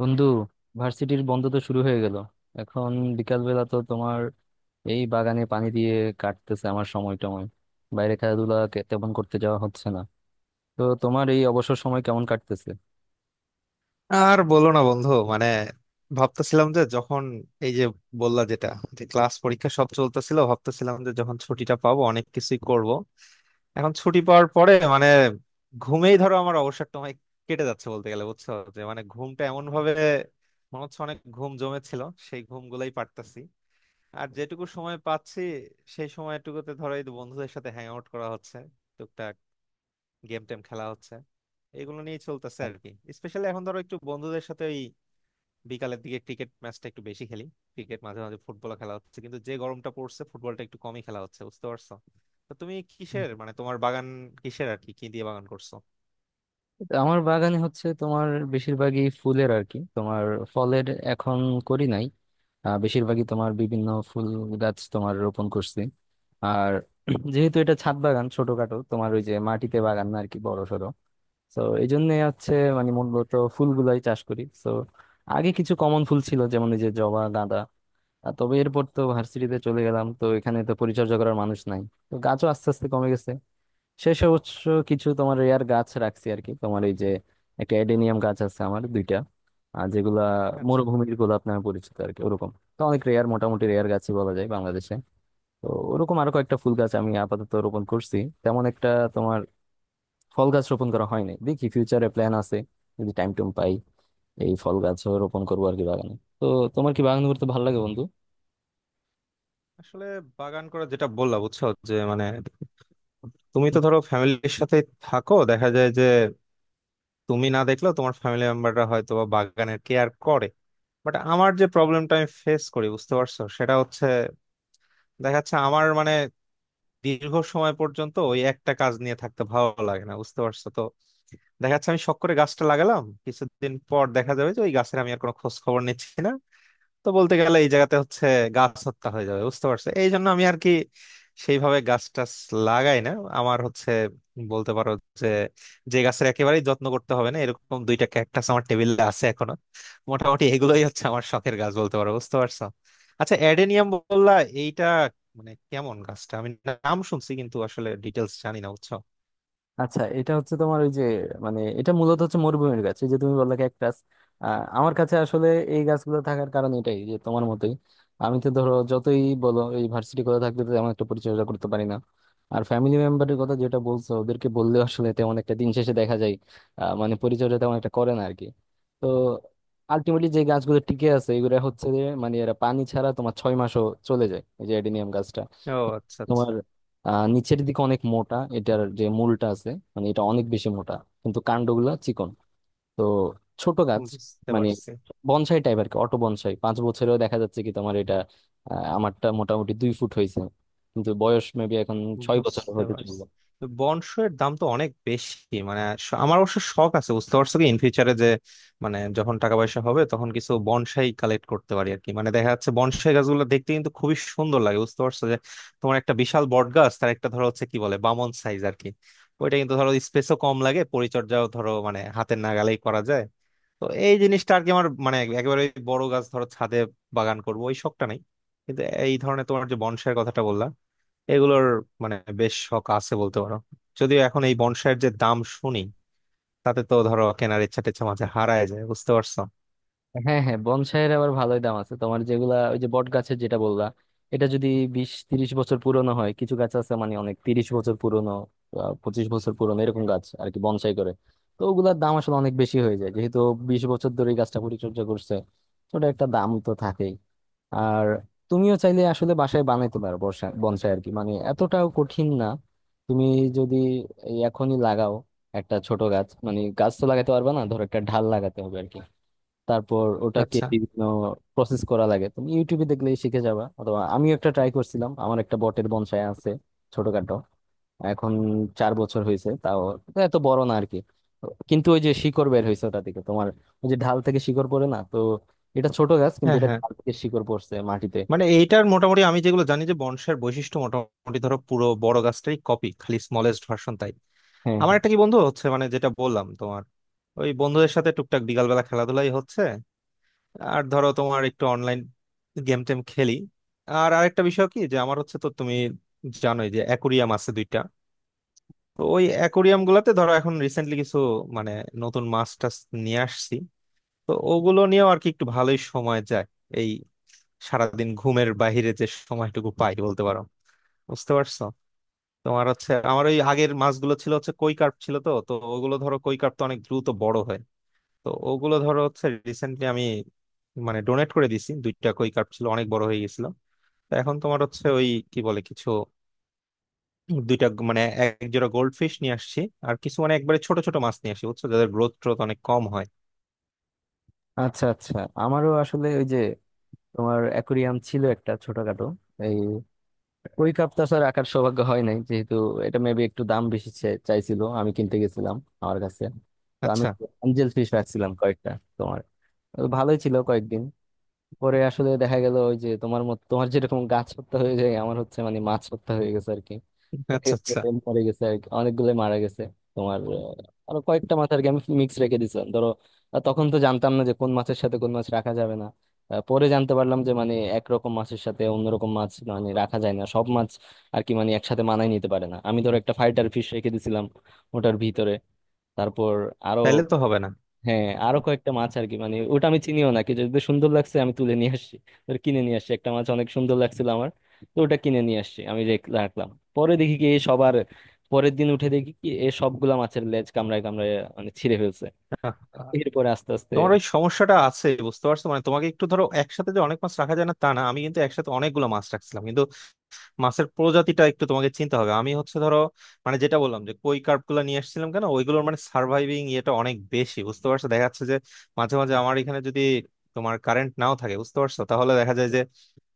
বন্ধু, ভার্সিটির বন্ধ তো শুরু হয়ে গেল। এখন বিকালবেলা তো তোমার এই বাগানে পানি দিয়ে কাটতেছে আমার সময় টময়, বাইরে খেলাধুলা তেমন করতে যাওয়া হচ্ছে না। তো তোমার এই অবসর সময় কেমন কাটতেছে? আর বলো না বন্ধু, মানে ভাবতেছিলাম যে যখন এই যে বললা যেটা, যে ক্লাস পরীক্ষা সব চলতেছিল, ভাবতেছিলাম যে যখন ছুটিটা পাবো অনেক কিছুই করব। এখন ছুটি পাওয়ার পরে মানে ঘুমেই ধরো আমার অবসর সময় কেটে যাচ্ছে বলতে গেলে, বুঝছো, যে মানে ঘুমটা এমন ভাবে মনে হচ্ছে অনেক ঘুম জমেছিল, সেই ঘুম গুলাই পারতাছি। আর যেটুকু সময় পাচ্ছি সেই সময়টুকুতে ধরো এই বন্ধুদের সাথে হ্যাং আউট করা হচ্ছে, টুকটাক গেম টেম খেলা হচ্ছে, এগুলো নিয়ে চলতেছে আর কি। স্পেশালি এখন ধরো একটু বন্ধুদের সাথে বিকালের দিকে ক্রিকেট ম্যাচটা একটু বেশি খেলি। ক্রিকেট, মাঝে মাঝে ফুটবল খেলা হচ্ছে, কিন্তু যে গরমটা পড়ছে ফুটবলটা একটু কমই খেলা হচ্ছে, বুঝতে পারছো। তো তুমি কিসের, মানে তোমার বাগান কিসের, আর কি কি দিয়ে বাগান করছো? তো আমার বাগানে হচ্ছে তোমার বেশিরভাগই ফুলের আর কি, তোমার ফলের এখন করি নাই। বেশিরভাগই তোমার বিভিন্ন ফুল গাছ তোমার রোপণ করছি। আর যেহেতু এটা ছাদ বাগান ছোটখাটো, তোমার ওই যে মাটিতে বাগান না আর কি বড়। তো এই জন্য হচ্ছে মানে মূলত ফুলগুলাই চাষ করি তো। আগে কিছু কমন ফুল ছিল যেমন এই যে জবা, গাঁদা। আর তবে এরপর তো ভার্সিটিতে চলে গেলাম, তো এখানে তো পরিচর্যা করার মানুষ নাই, তো গাছও আস্তে আস্তে কমে গেছে। শেষে অবশ্য কিছু তোমার রেয়ার গাছ রাখছি আর কি, তোমার এই যে একটা এডেনিয়াম গাছ আছে আমার দুইটা, আর যেগুলা আচ্ছা, মরুভূমির গোলাপ নামে পরিচিত আর কি, ওরকম। তো অনেক রেয়ার, মোটামুটি রেয়ার গাছই বলা যায় বাংলাদেশে। তো ওরকম আরো কয়েকটা ফুল গাছ আমি আপাতত রোপণ করছি। তেমন একটা তোমার ফল গাছ রোপণ করা হয় নাই, দেখি ফিউচারে প্ল্যান আছে যদি টাইম টুম পাই এই ফল গাছও রোপণ করবো আর কি বাগানে তো। তোমার কি বাগান করতে ভালো লাগে বন্ধু? আসলে বাগান করা যেটা বললা, বুঝছো, যে মানে তুমি তো ধরো ফ্যামিলির সাথে থাকো, দেখা যায় যে তুমি না দেখলেও তোমার ফ্যামিলি মেম্বাররা হয়তো বা বাগানের কেয়ার করে। বাট আমার যে প্রবলেমটা আমি ফেস করি, বুঝতে পারছো, সেটা হচ্ছে দেখা যাচ্ছে আমার মানে দীর্ঘ সময় পর্যন্ত ওই একটা কাজ নিয়ে থাকতে ভালো লাগে না, বুঝতে পারছো। দেখা যাচ্ছে আমি শখ করে গাছটা লাগালাম, কিছুদিন পর দেখা যাবে যে ওই গাছের আমি আর কোনো খোঁজ খবর নিচ্ছি না। তো বলতে গেলে এই জায়গাতে হচ্ছে গাছ হত্যা হয়ে যাবে, বুঝতে পারছো, এই জন্য আমি আর কি সেইভাবে গাছ টাছ লাগাই না। আমার হচ্ছে, বলতে পারো যে যে গাছের একেবারেই যত্ন করতে হবে না, এরকম দুইটা ক্যাকটাস আমার টেবিলে আছে এখনো। মোটামুটি এগুলোই হচ্ছে আমার শখের গাছ বলতে পারো, বুঝতে পারছো। আচ্ছা, অ্যাডেনিয়াম বললা, এইটা মানে কেমন গাছটা? আমি নাম শুনছি কিন্তু আসলে ডিটেলস জানি না, বুঝছো। আচ্ছা, এটা হচ্ছে তোমার ওই যে মানে এটা মূলত হচ্ছে মরুভূমির গাছ, এই যে তুমি বললে ক্যাকটাস। আমার কাছে আসলে এই গাছগুলো থাকার কারণ এটাই যে তোমার মতোই আমি তো ধরো যতই বলো এই ভার্সিটি কথা থাকলে তো তেমন একটা পরিচর্যা করতে পারি না। আর ফ্যামিলি মেম্বারের কথা যেটা বলছো, ওদেরকে বললে আসলে তেমন একটা দিন শেষে দেখা যায় মানে পরিচর্যা তেমন একটা করে না আর কি। তো আলটিমেটলি যে গাছগুলো টিকে আছে এগুলো হচ্ছে যে মানে এরা পানি ছাড়া তোমার 6 মাসও চলে যায়, এই যে অ্যাডিনিয়াম গাছটা। ও, আচ্ছা তোমার আচ্ছা। নিচের দিকে অনেক মোটা এটার যে মূলটা আছে, মানে এটা অনেক বেশি মোটা, কিন্তু কাণ্ডগুলা চিকন। তো ছোট গাছ, বুঝতে মানে পারছি। বনসাই টাইপ আর কি, অটো বনসাই 5 বছরেও দেখা যাচ্ছে কি তোমার এটা। আমারটা মোটামুটি 2 ফুট হয়েছে, কিন্তু বয়স মেবি এখন 6 বছর বুঝতে হতে পারছি। চলবে। তো বনশো এর দাম তো অনেক বেশি, মানে আমার অবশ্য শখ আছে, বুঝতে পারছো কি, ইন ফিউচারে যে মানে যখন টাকা পয়সা হবে তখন কিছু বনসাই কালেক্ট করতে পারি আর কি। মানে দেখা যাচ্ছে বনসাই গাছগুলো দেখতে কিন্তু খুবই সুন্দর লাগে, বুঝতে পারছো, যে তোমার একটা বিশাল বট গাছ, তার একটা ধরো হচ্ছে কি বলে বামন সাইজ আর কি। ওইটা কিন্তু ধরো স্পেসও কম লাগে, পরিচর্যাও ধরো মানে হাতের নাগালেই করা যায়। তো এই জিনিসটা আর কি আমার, মানে একেবারে বড় গাছ ধরো ছাদে বাগান করবো ওই শখটা নাই, কিন্তু এই ধরনের তোমার যে বনসাইয়ের কথাটা বললা, এগুলোর মানে বেশ শখ আছে বলতে পারো। যদিও এখন এই বনসাইয়ের যে দাম শুনি, তাতে তো ধরো কেনার ইচ্ছা টেচ্ছা মাঝে হারায় যায়, বুঝতে পারছো। হ্যাঁ হ্যাঁ, বনসাইয়ের আবার ভালোই দাম আছে, তোমার যেগুলা ওই যে বট গাছের যেটা বললা, এটা যদি 20-30 বছর পুরনো হয়, কিছু গাছ আছে মানে অনেক 30 বছর পুরনো, 25 বছর পুরনো এরকম গাছ আর কি বনসাই করে, তো ওগুলার দাম আসলে অনেক বেশি হয়ে যায়, যেহেতু 20 বছর ধরে এই গাছটা পরিচর্যা করছে, তো ওটা একটা দাম তো থাকেই। আর তুমিও চাইলে আসলে বাসায় বানাইতে পারো বর্ষা বনসাই আর কি, মানে এতটাও কঠিন না। তুমি যদি এই এখনই লাগাও একটা ছোট গাছ, মানে গাছ তো লাগাতে পারবে না, ধরো একটা ঢাল লাগাতে হবে আর কি, তারপর ওটাকে আচ্ছা। বিভিন্ন প্রসেস করা লাগে। তুমি ইউটিউবে দেখলে শিখে যাবা, অথবা আমিও একটা ট্রাই করছিলাম, আমার একটা বটের বনসাই আছে ছোটখাটো এখন 4 বছর হয়েছে, তাও এটা এত বড় না আর কি। তো কিন্তু ওই যে শিকড় বের হয়েছে ওটা থেকে, তোমার ওই যে ঢাল থেকে শিকড় পড়ে না তো, এটা ছোট গাছ কিন্তু হ্যাঁ এটা হ্যাঁ, ঢাল থেকে শিকড় পড়ছে মাটিতে। মানে এইটার মোটামুটি আমি যেগুলো জানি যে বনসাইয়ের বৈশিষ্ট্য মোটামুটি ধরো পুরো বড় গাছটাই কপি, খালি স্মলেস্ট ভার্সন, তাই। হ্যাঁ আমার হ্যাঁ। একটা কি বন্ধু হচ্ছে মানে, যেটা বললাম তোমার, ওই বন্ধুদের সাথে টুকটাক বিকালবেলা খেলাধুলাই হচ্ছে, আর ধরো তোমার একটু অনলাইন গেম টেম খেলি। আর আরেকটা বিষয় কি যে আমার হচ্ছে, তো তুমি জানোই যে অ্যাকুরিয়াম আছে দুইটা। তো ওই অ্যাকোরিয়াম গুলাতে ধরো এখন রিসেন্টলি কিছু মানে নতুন মাছ টাছ নিয়ে আসছি। তো ওগুলো নিয়েও আর কি একটু ভালোই সময় যায় এই সারাদিন ঘুমের বাহিরে যে সময়টুকু পাই বলতে পারো, বুঝতে পারছো। তোমার হচ্ছে, আমার ওই আগের মাছগুলো ছিল হচ্ছে কই কার্প ছিল, তো তো ওগুলো ধরো কই কার্প তো অনেক দ্রুত বড় হয়। তো ওগুলো ধরো হচ্ছে রিসেন্টলি আমি মানে ডোনেট করে দিছি, দুইটা কই কার্প ছিল অনেক বড় হয়ে গেছিল। তো এখন তোমার হচ্ছে ওই কি বলে কিছু, দুইটা মানে এক জোড়া গোল্ড ফিশ নিয়ে আসছি। আর কিছু মানে একবারে ছোট ছোট মাছ নিয়ে আসি, বুঝছো, যাদের গ্রোথ ট্রোথ অনেক কম হয়। আচ্ছা আচ্ছা, আমারও আসলে ওই যে তোমার অ্যাকুরিয়াম ছিল একটা ছোটখাটো এই ওই কাপ তো আসলে রাখার সৌভাগ্য হয় নাই যেহেতু এটা মেবি একটু দাম বেশি চাইছিল। আমি কিনতে গেছিলাম আমার কাছে, তো আমি আচ্ছা অ্যাঞ্জেল ফিশ রাখছিলাম কয়েকটা। তোমার ভালোই ছিল কয়েকদিন, পরে আসলে দেখা গেল ওই যে তোমার মত, তোমার যেরকম গাছ হত্যা হয়ে যায়, আমার হচ্ছে মানে মাছ হত্যা হয়ে গেছে আর কি। দেখা আচ্ছা গেছে আচ্ছা। এরকম মরে গেছে আর কি, অনেকগুলো মারা গেছে। তোমার আরো কয়েকটা মাছ আর কি আমি মিক্স রেখে দিয়েছিলাম ধরো। তখন তো জানতাম না যে কোন মাছের সাথে কোন মাছ রাখা যাবে না। পরে জানতে পারলাম যে মানে একরকম মাছের সাথে অন্যরকম মাছ মানে রাখা যায় না সব মাছ আর কি, মানে একসাথে মানায় নিতে পারে না। আমি ধরো একটা ফাইটার ফিশ রেখে দিয়েছিলাম ওটার ভিতরে, তারপর আরো, তাহলে তো হবে না। হ্যাঁ আরো কয়েকটা মাছ আর কি। মানে ওটা আমি চিনিও না, কি যদি সুন্দর লাগছে আমি তুলে নিয়ে আসছি, ধর কিনে নিয়ে আসছি একটা মাছ অনেক সুন্দর লাগছিল আমার। তো ওটা কিনে নিয়ে আসছি আমি রাখলাম। পরে দেখি কি এ সবার, পরের দিন উঠে দেখি কি এ সবগুলা মাছের লেজ কামড়ায় কামড়ায়, মানে ছিঁড়ে ফেলছে। আহ, এরপরে আস্তে আস্তে, তোমার ওই সমস্যাটা আছে, বুঝতে পারছো, মানে তোমাকে একটু ধরো একসাথে যে অনেক মাছ রাখা যায় না তা না, আমি কিন্তু একসাথে অনেকগুলো মাছ রাখছিলাম, কিন্তু মাছের প্রজাতিটা একটু তোমাকে চিন্তা হবে। আমি হচ্ছে ধরো মানে যেটা বললাম যে কই কার্প গুলা নিয়ে আসছিলাম কেন, ওইগুলোর মানে সার্ভাইভিং ইয়েটা অনেক বেশি, বুঝতে পারছো। দেখা যাচ্ছে যে মাঝে মাঝে আমার এখানে যদি তোমার কারেন্ট নাও থাকে, বুঝতে পারছো, তাহলে দেখা যায় যে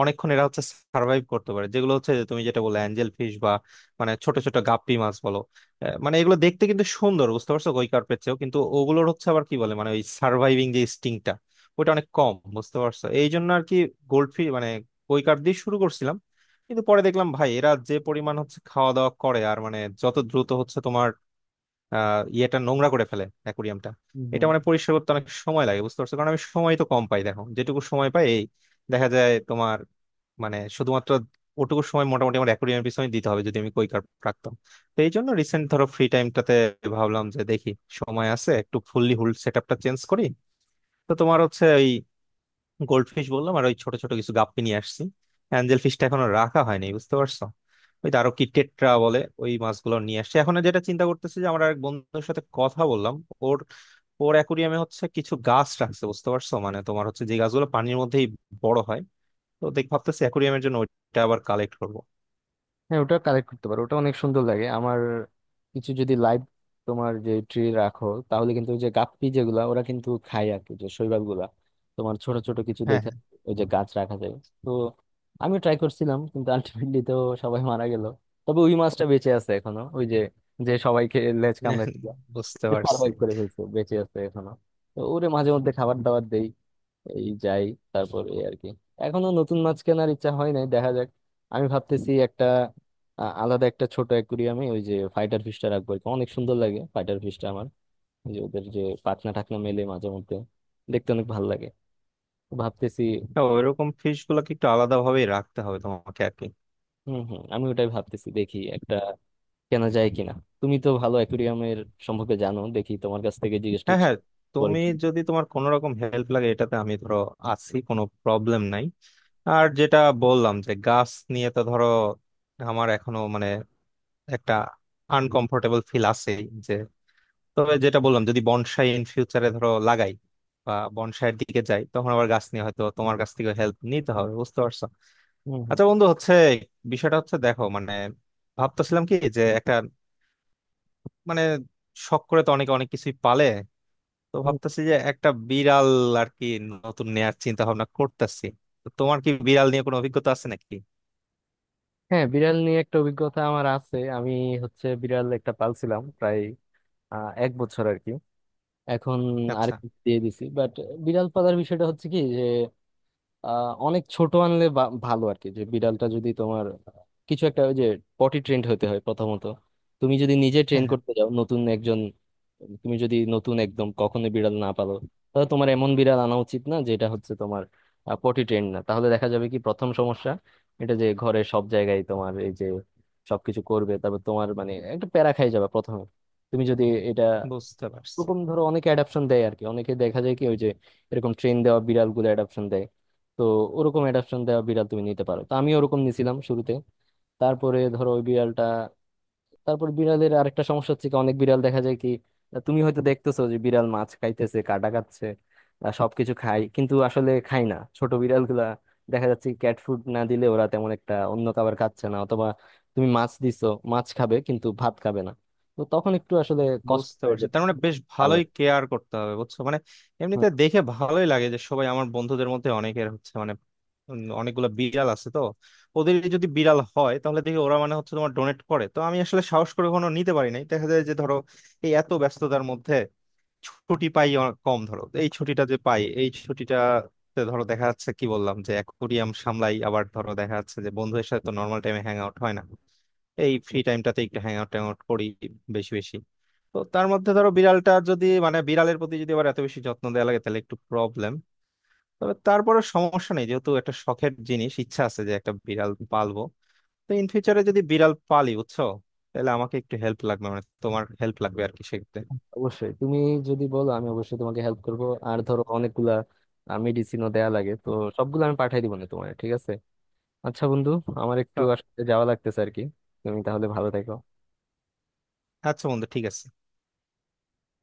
অনেকক্ষণ এরা হচ্ছে সার্ভাইভ করতে পারে। যেগুলো হচ্ছে যে তুমি যেটা বললে অ্যাঞ্জেল ফিশ বা মানে ছোট ছোট গাপ্পি মাছ বলো, মানে এগুলো দেখতে কিন্তু সুন্দর, বুঝতে পারছো, কই কার্পের চেয়েও। কিন্তু ওগুলোর হচ্ছে আবার কি বলে, মানে ওই সার্ভাইভিং যে স্টিংটা, ওটা অনেক কম, বুঝতে পারছো, এই জন্য আর কি গোল্ড ফিশ মানে। কই কার্প দিয়ে শুরু করছিলাম কিন্তু পরে দেখলাম ভাই এরা যে পরিমাণ হচ্ছে খাওয়া দাওয়া করে আর মানে যত দ্রুত হচ্ছে তোমার ইয়েটা নোংরা করে ফেলে অ্যাকুরিয়ামটা। এটা মানে পরিষ্কার করতে অনেক সময় লাগে, বুঝতে পারছো, কারণ আমি সময় তো কম পাই। দেখো যেটুকু সময় পাই এই দেখা যায় তোমার মানে শুধুমাত্র ওটুকু সময় মোটামুটি আমার অ্যাকুরিয়ামের পিছনে দিতে হবে যদি আমি কই কার্প রাখতাম। তো এই জন্য রিসেন্ট ধরো ফ্রি টাইমটাতে ভাবলাম যে দেখি সময় আছে, একটু ফুললি হুল সেট আপটা চেঞ্জ করি। তো তোমার হচ্ছে ওই গোল্ড ফিশ বললাম আর ওই ছোট ছোট কিছু গাপ্পি নিয়ে আসছি। অ্যাঞ্জেল ফিশটা এখনো রাখা হয়নি, বুঝতে পারছো। ওই আরো কি টেট্রা বলে ওই মাছগুলো নিয়ে আসছি। এখন যেটা চিন্তা করতেছি যে আমার এক বন্ধুর সাথে কথা বললাম, ওর ওর অ্যাকুরিয়ামে হচ্ছে কিছু গাছ রাখছে, বুঝতে পারছো, মানে তোমার হচ্ছে যে গাছগুলো পানির মধ্যেই বড় হয়। তো দেখ ভাবতেছি অ্যাকুরিয়ামের জন্য ওইটা আবার কালেক্ট করবো। হ্যাঁ, ওটা কালেক্ট করতে পারো, ওটা অনেক সুন্দর লাগে আমার। কিছু যদি লাইভ তোমার যে ট্রি রাখো তাহলে কিন্তু ওই যে গাপ্পি যেগুলা ওরা কিন্তু খায় আর কি, যে শৈবাল গুলা তোমার ছোট ছোট কিছু হ্যাঁ দেখে হ্যাঁ। ওই যে গাছ রাখা যায়। তো আমি ট্রাই করছিলাম কিন্তু আলটিমেটলি তো সবাই মারা গেল। তবে ওই মাছটা বেঁচে আছে এখনো, ওই যে যে সবাইকে লেজ কামড়াচ্ছিল, বুঝতে পারছি। সার্ভাইভ করে ফেলছে, বেঁচে আছে এখনো। তো ওরে মাঝে মধ্যে খাবার দাবার দেই এই যাই, তারপর এই আর কি, এখনো নতুন মাছ কেনার ইচ্ছা হয় নাই দেখা যাক। আমি ভাবতেছি একটা আলাদা একটা ছোট অ্যাকুরিয়ামে ওই যে ফাইটার ফিশটা রাখবো আর কি। অনেক সুন্দর লাগে ফাইটার ফিশটা আমার, ওই যে ওদের যে পাখনা টাখনা মেলে মাঝে মধ্যে, দেখতে অনেক ভালো লাগে। তো ভাবতেছি, তো ওইরকম ফিশ গুলোকে একটু আলাদা ভাবেই রাখতে হবে তোমাকে আর কি। হম হম, আমি ওটাই ভাবতেছি, দেখি একটা কেনা যায় কিনা। তুমি তো ভালো অ্যাকুরিয়ামের সম্পর্কে জানো, দেখি তোমার কাছ থেকে জিজ্ঞেস হ্যাঁ টিজ্ঞেস হ্যাঁ, করে। তুমি যদি তোমার কোনো রকম হেল্প লাগে এটাতে আমি ধরো আছি, কোনো প্রবলেম নাই। আর যেটা বললাম যে গাছ নিয়ে তো ধরো আমার এখনো মানে একটা আনকমফোর্টেবল ফিল আছে, যে তবে যেটা বললাম যদি বনসাই ইন ফিউচারে ধরো লাগাই বা বনসাইয়ের দিকে যাই, তখন আবার গাছ নিয়ে হয়তো তোমার কাছ থেকে হেল্প নিতে হবে, বুঝতে পারছো। হুম, হুম, আচ্ছা বন্ধু, হচ্ছে বিষয়টা হচ্ছে দেখো মানে ভাবতেছিলাম কি যে একটা মানে শখ করে তো অনেকে অনেক কিছুই পালে, তো হুম। ভাবতেছি যে একটা বিড়াল আর কি নতুন নেয়ার চিন্তা ভাবনা করতেছি। তো তোমার কি বিড়াল নিয়ে কোনো অভিজ্ঞতা আছে নাকি? হ্যাঁ, বিড়াল নিয়ে একটা অভিজ্ঞতা আমার আছে। আমি হচ্ছে বিড়াল একটা পালছিলাম প্রায় 1 বছর আর কি। এখন আর আচ্ছা। কি দিয়ে দিছি। বাট বিড়াল পালার বিষয়টা হচ্ছে কি যে অনেক ছোট আনলে ভালো আর কি, যে বিড়ালটা যদি তোমার কিছু একটা ওই যে পটি ট্রেন্ড হতে হয় প্রথমত। তুমি যদি নিজে ট্রেন হ্যাঁ হ্যাঁ। করতে যাও নতুন একজন, তুমি যদি নতুন একদম কখনো বিড়াল না পালো, তাহলে তোমার এমন বিড়াল আনা উচিত না যেটা হচ্ছে তোমার পটি ট্রেন্ড না। তাহলে দেখা যাবে কি প্রথম সমস্যা এটা যে ঘরে সব জায়গায় তোমার এই যে সবকিছু করবে, তারপর তোমার মানে একটা প্যারা খাই যাবে প্রথমে তুমি যদি এটা। বুঝতে পারছি। ওরকম ধরো অনেকে অ্যাডাপশন দেয় আর কি, অনেকে দেখা যায় কি ওই যে এরকম ট্রেন দেওয়া বিড়াল গুলো অ্যাডাপশন দেয়। তো ওরকম অ্যাডাপশন দেওয়া বিড়াল তুমি নিতে পারো, তো আমি ওরকম নিছিলাম শুরুতে। তারপরে ধরো ওই বিড়ালটা, তারপর বিড়ালের আরেকটা সমস্যা হচ্ছে কি অনেক বিড়াল দেখা যায় কি তুমি হয়তো দেখতেছো যে বিড়াল মাছ খাইতেছে, কাটা খাচ্ছে, সবকিছু খায়, কিন্তু আসলে খায় না ছোট বিড়ালগুলা। দেখা যাচ্ছে ক্যাট ফুড না দিলে ওরা তেমন একটা অন্য খাবার খাচ্ছে না, অথবা তুমি মাছ দিছো, মাছ খাবে কিন্তু ভাত খাবে না। তো তখন একটু আসলে কষ্ট বুঝতে হয়ে পারছি, যায় তার মানে বেশ পালা। ভালোই কেয়ার করতে হবে, বুঝছো, মানে এমনিতে দেখে ভালোই লাগে যে সবাই আমার বন্ধুদের মধ্যে অনেকের হচ্ছে মানে অনেকগুলো বিড়াল আছে তো। ওদের যদি বিড়াল হয় তাহলে দেখি ওরা মানে হচ্ছে তোমার ডোনেট করে, তো আমি আসলে সাহস করে কোনো নিতে পারি নাই। দেখা যায় যে ধরো এই এত ব্যস্ততার মধ্যে ছুটি পাই কম, ধরো এই ছুটিটা যে পাই এই ছুটিটাতে ধরো দেখা যাচ্ছে কি বললাম যে অ্যাকুয়ারিয়াম সামলাই, আবার ধরো দেখা যাচ্ছে যে বন্ধুদের সাথে তো নর্মাল টাইমে হ্যাং আউট হয় না, এই ফ্রি টাইমটাতে একটু হ্যাং আউট ট্যাং আউট করি বেশি বেশি। তো তার মধ্যে ধরো বিড়ালটা যদি মানে বিড়ালের প্রতি যদি আবার এত বেশি যত্ন দেওয়া লাগে তাহলে একটু প্রবলেম। তবে তারপরে সমস্যা নেই, যেহেতু একটা শখের জিনিস ইচ্ছা আছে যে একটা বিড়াল পালবো। তো ইন ফিউচারে যদি বিড়াল পালি, বুঝছো, তাহলে আমাকে একটু হেল্প লাগবে মানে তোমার হেল্প লাগবে আর কি, সেক্ষেত্রে। অবশ্যই তুমি যদি বলো আমি অবশ্যই তোমাকে হেল্প করব। আর ধরো অনেকগুলা মেডিসিনও দেয়া লাগে তো, সবগুলো আমি পাঠাই দিব না তোমার, ঠিক আছে? আচ্ছা বন্ধু, আমার একটু তো আসলে যাওয়া লাগতেছে আর কি, তুমি তাহলে ভালো থেকো। আচ্ছা বন্ধু, ঠিক আছে।